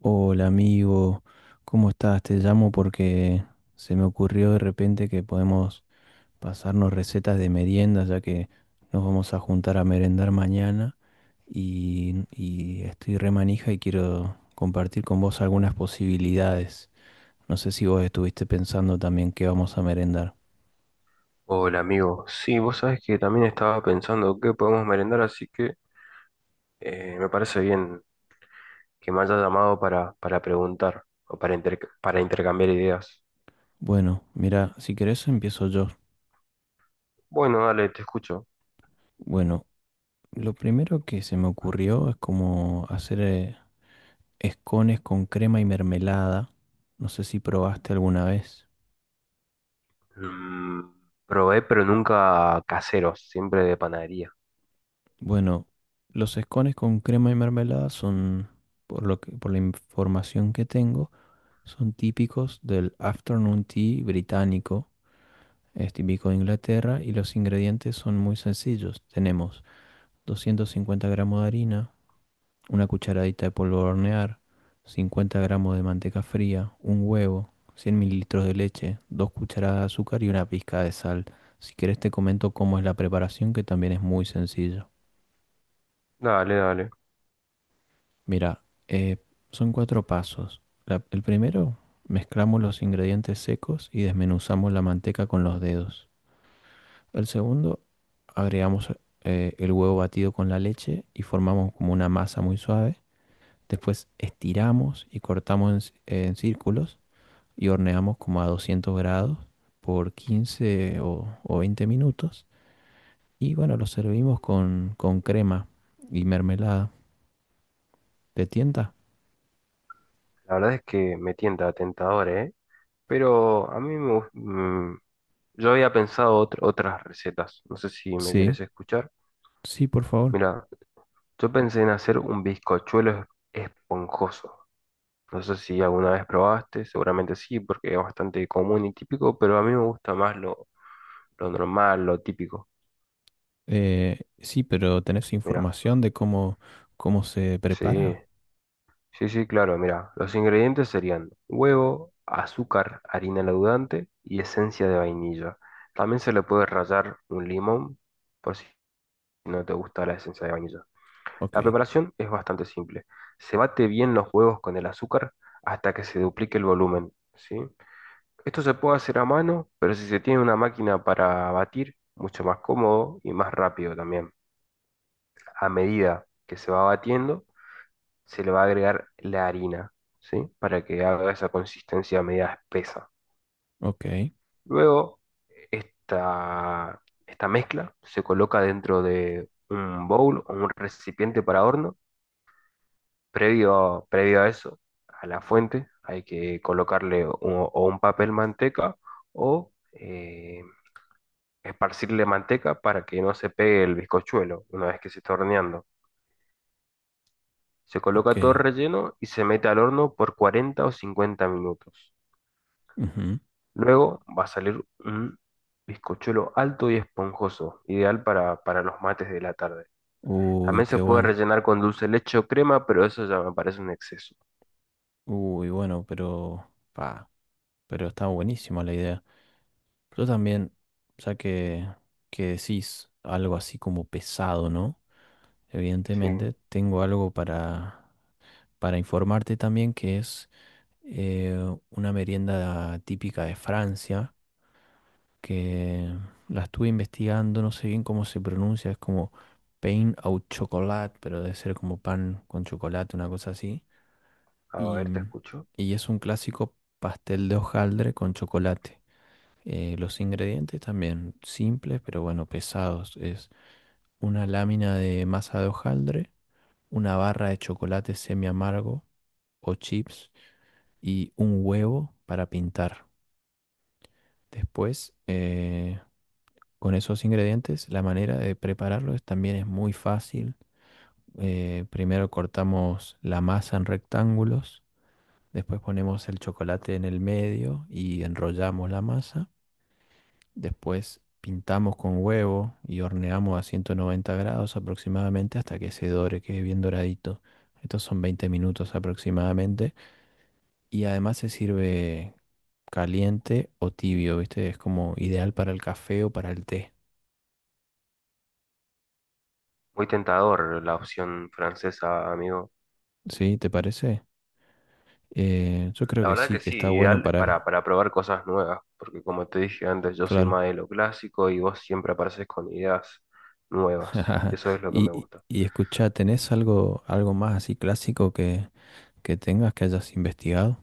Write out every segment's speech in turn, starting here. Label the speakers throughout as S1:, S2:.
S1: Hola amigo, ¿cómo estás? Te llamo porque se me ocurrió de repente que podemos pasarnos recetas de meriendas, ya que nos vamos a juntar a merendar mañana y estoy re manija y quiero compartir con vos algunas posibilidades. No sé si vos estuviste pensando también qué vamos a merendar.
S2: Hola amigo, sí, vos sabés que también estaba pensando qué podemos merendar, así que me parece bien que me haya llamado para, preguntar o para, para intercambiar ideas.
S1: Bueno, mira, si querés empiezo yo.
S2: Bueno, dale, te escucho.
S1: Bueno, lo primero que se me ocurrió es como hacer escones con crema y mermelada. No sé si probaste alguna vez.
S2: Mm, probé, pero nunca caseros, siempre de panadería.
S1: Bueno, los escones con crema y mermelada son, por la información que tengo, son típicos del afternoon tea británico. Es típico de Inglaterra y los ingredientes son muy sencillos. Tenemos 250 gramos de harina, una cucharadita de polvo de hornear, 50 gramos de manteca fría, un huevo, 100 mililitros de leche, dos cucharadas de azúcar y una pizca de sal. Si querés te comento cómo es la preparación, que también es muy sencillo.
S2: Dale, dale.
S1: Mira, eh, son cuatro pasos. El primero, mezclamos los ingredientes secos y desmenuzamos la manteca con los dedos. El segundo, agregamos el huevo batido con la leche y formamos como una masa muy suave. Después estiramos y cortamos en círculos y horneamos como a 200 grados por 15 o 20 minutos. Y bueno, lo servimos con crema y mermelada. ¿Te tienta?
S2: La verdad es que me tienta tentador, ¿eh? Pero a mí yo había pensado otras recetas. No sé si me
S1: Sí,
S2: querés escuchar.
S1: sí, por favor.
S2: Mira, yo pensé en hacer un bizcochuelo esponjoso. No sé si alguna vez probaste, seguramente sí, porque es bastante común y típico, pero a mí me gusta más lo normal, lo típico.
S1: Sí, pero ¿tenés
S2: Mira,
S1: información de cómo, cómo se
S2: sí,
S1: prepara?
S2: sí, sí, claro, mira, los ingredientes serían huevo, azúcar, harina leudante y esencia de vainilla. También se le puede rallar un limón por si no te gusta la esencia de vainilla.
S1: Ok,
S2: La preparación es bastante simple. Se bate bien los huevos con el azúcar hasta que se duplique el volumen, ¿sí? Esto se puede hacer a mano, pero si se tiene una máquina para batir, mucho más cómodo y más rápido también. A medida que se va batiendo, se le va a agregar la harina, ¿sí? Para que haga esa consistencia media espesa.
S1: ok,
S2: Luego, esta mezcla se coloca dentro de un bowl o un recipiente para horno. Previo a eso, a la fuente, hay que colocarle un- o un papel manteca o... esparcirle manteca para que no se pegue el bizcochuelo una vez que se está horneando. Se
S1: ok.
S2: coloca todo relleno y se mete al horno por 40 o 50 minutos.
S1: Ujú.
S2: Luego va a salir un bizcochuelo alto y esponjoso, ideal para los mates de la tarde.
S1: Uy,
S2: También
S1: qué
S2: se puede
S1: bueno.
S2: rellenar con dulce de leche o crema, pero eso ya me parece un exceso.
S1: Uy, bueno, pero... Pa, pero está buenísima la idea. Yo también, o sea que decís algo así como pesado, ¿no?
S2: Sí,
S1: Evidentemente, tengo algo para informarte también que es eh, una merienda típica de Francia, que la estuve investigando, no sé bien cómo se pronuncia, es como pain au chocolat, pero debe ser como pan con chocolate, una cosa así.
S2: a
S1: Y,
S2: ver, te escucho.
S1: y es un clásico pastel de hojaldre con chocolate. Los ingredientes también simples, pero bueno, pesados. Es una lámina de masa de hojaldre, una barra de chocolate semi amargo o chips y un huevo para pintar. Después, con esos ingredientes, la manera de prepararlos también es muy fácil. Primero cortamos la masa en rectángulos, después ponemos el chocolate en el medio y enrollamos la masa. Después pintamos con huevo y horneamos a 190 grados aproximadamente hasta que se dore, quede bien doradito. Estos son 20 minutos aproximadamente. Y además se sirve caliente o tibio, ¿viste? Es como ideal para el café o para el té.
S2: Muy tentador la opción francesa, amigo.
S1: ¿Sí? ¿Te parece? Yo creo
S2: La
S1: que
S2: verdad
S1: sí,
S2: que
S1: que
S2: sí,
S1: está bueno
S2: ideal
S1: para...
S2: para probar cosas nuevas, porque como te dije antes, yo soy
S1: Claro.
S2: más de lo clásico y vos siempre apareces con ideas nuevas. Eso es lo que me
S1: Y,
S2: gusta.
S1: y escuchá, ¿tenés algo, algo más así clásico que tengas que hayas investigado?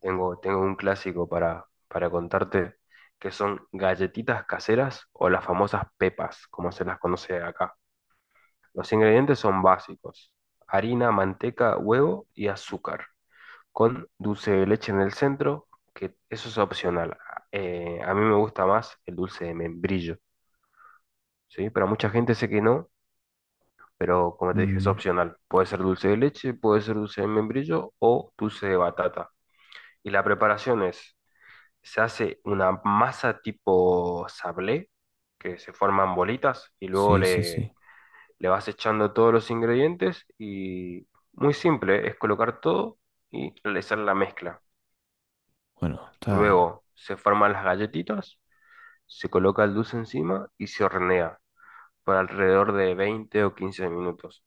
S2: Tengo, tengo un clásico para contarte que son galletitas caseras o las famosas pepas, como se las conoce acá. Los ingredientes son básicos: harina, manteca, huevo y azúcar, con dulce de leche en el centro, que eso es opcional. A mí me gusta más el dulce de membrillo. ¿Sí? Pero mucha gente sé que no, pero como te dije, es
S1: Mm,
S2: opcional. Puede ser dulce de leche, puede ser dulce de membrillo o dulce de batata. Y la preparación es, se hace una masa tipo sablé, que se forman bolitas y
S1: sí, sí, sí.
S2: le vas echando todos los ingredientes y muy simple, es colocar todo y realizar la mezcla.
S1: Bueno, está...
S2: Luego se forman las galletitas, se coloca el dulce encima y se hornea por alrededor de 20 o 15 minutos.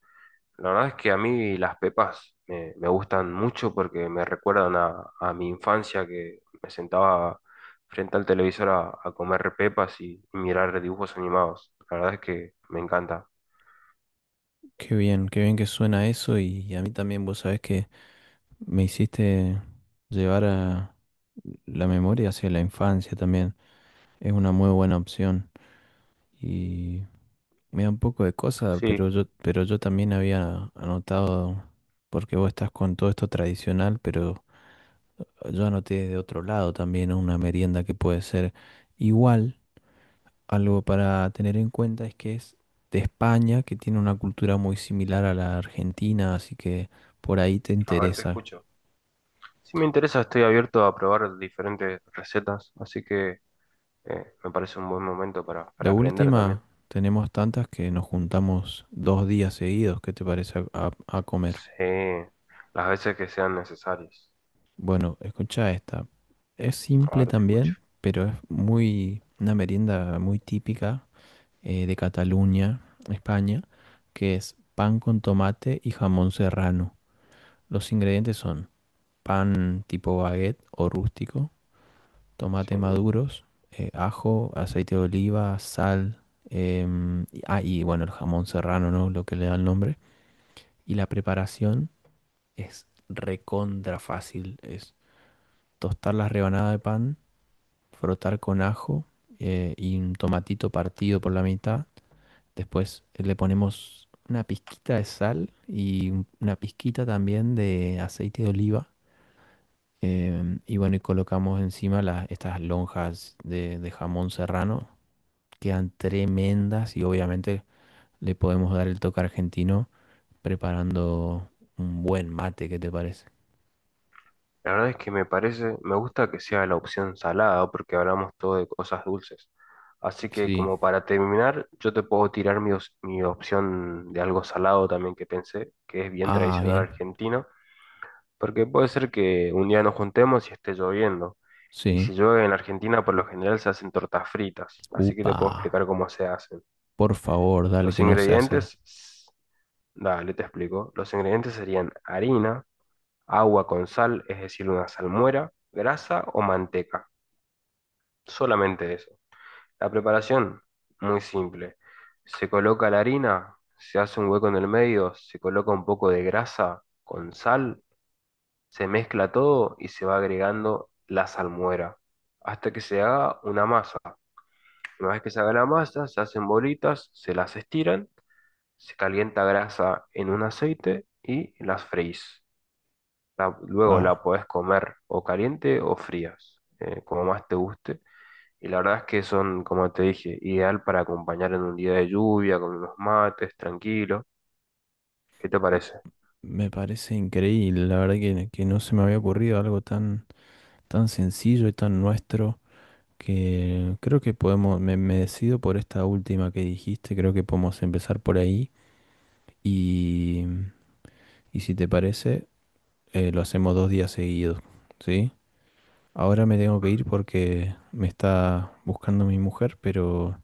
S2: La verdad es que a mí las pepas me gustan mucho porque me recuerdan a mi infancia que me sentaba frente al televisor a comer pepas y mirar dibujos animados. La verdad es que me encanta.
S1: Qué bien que suena eso y a mí también vos sabés que me hiciste llevar a la memoria hacia la infancia también. Es una muy buena opción y me da un poco de cosa,
S2: Sí,
S1: pero yo también había anotado, porque vos estás con todo esto tradicional, pero yo anoté de otro lado también, ¿no? Una merienda que puede ser igual. Algo para tener en cuenta es que es de España, que tiene una cultura muy similar a la argentina, así que por ahí te
S2: a ver, te
S1: interesa.
S2: escucho. Si me interesa, estoy abierto a probar diferentes recetas, así que me parece un buen momento
S1: De
S2: para aprender también.
S1: última, tenemos tantas que nos juntamos dos días seguidos, ¿qué te parece a, a comer?
S2: Sí, las veces que sean necesarias.
S1: Bueno, escucha esta. Es
S2: A
S1: simple
S2: ver, te escucho.
S1: también, pero es muy una merienda muy típica de Cataluña, España, que es pan con tomate y jamón serrano. Los ingredientes son pan tipo baguette o rústico, tomate
S2: Sí.
S1: maduros, ajo, aceite de oliva, sal, y bueno, el jamón serrano, ¿no? Lo que le da el nombre. Y la preparación es recontra fácil. Es tostar las rebanadas de pan, frotar con ajo y un tomatito partido por la mitad. Después le ponemos una pizquita de sal y una pizquita también de aceite de oliva. Y bueno, y colocamos encima estas lonjas de jamón serrano. Quedan tremendas y obviamente le podemos dar el toque argentino preparando un buen mate, ¿qué te parece?
S2: La verdad es que me parece, me gusta que sea la opción salada porque hablamos todo de cosas dulces. Así que
S1: Sí.
S2: como para terminar, yo te puedo tirar mi opción de algo salado también que pensé, que es bien
S1: Ah,
S2: tradicional
S1: bien.
S2: argentino, porque puede ser que un día nos juntemos y esté lloviendo. Y
S1: Sí.
S2: si llueve en Argentina, por lo general se hacen tortas fritas, así que te
S1: Upa.
S2: puedo explicar cómo se hacen.
S1: Por favor, dale
S2: Los
S1: que no sé hacer.
S2: ingredientes, s- Dale, te explico. Los ingredientes serían harina, agua con sal, es decir, una salmuera, grasa o manteca. Solamente eso. La preparación, muy simple. Se coloca la harina, se hace un hueco en el medio, se coloca un poco de grasa con sal, se mezcla todo y se va agregando la salmuera hasta que se haga una masa. Una vez que se haga la masa, se hacen bolitas, se las estiran, se calienta grasa en un aceite y las freís. Luego la
S1: Ah,
S2: podés comer o caliente o frías, como más te guste. Y la verdad es que son, como te dije, ideal para acompañar en un día de lluvia, con unos mates, tranquilo. ¿Qué te parece?
S1: me parece increíble. La verdad que no se me había ocurrido algo tan, tan sencillo y tan nuestro. Que creo que podemos, me decido por esta última que dijiste, creo que podemos empezar por ahí y, y si te parece, lo hacemos dos días seguidos, ¿sí? Ahora me tengo que
S2: Mm,
S1: ir porque me está buscando mi mujer,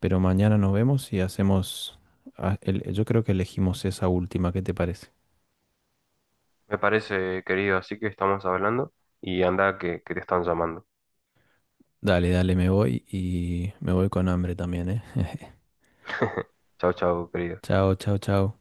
S1: pero mañana nos vemos y hacemos, ah, yo creo que elegimos esa última, ¿qué te parece?
S2: me parece, querido, así que estamos hablando y anda que te están llamando.
S1: Dale, dale, me voy y me voy con hambre también, ¿eh?
S2: Chao, chao, querido.
S1: Chao, chao, chao.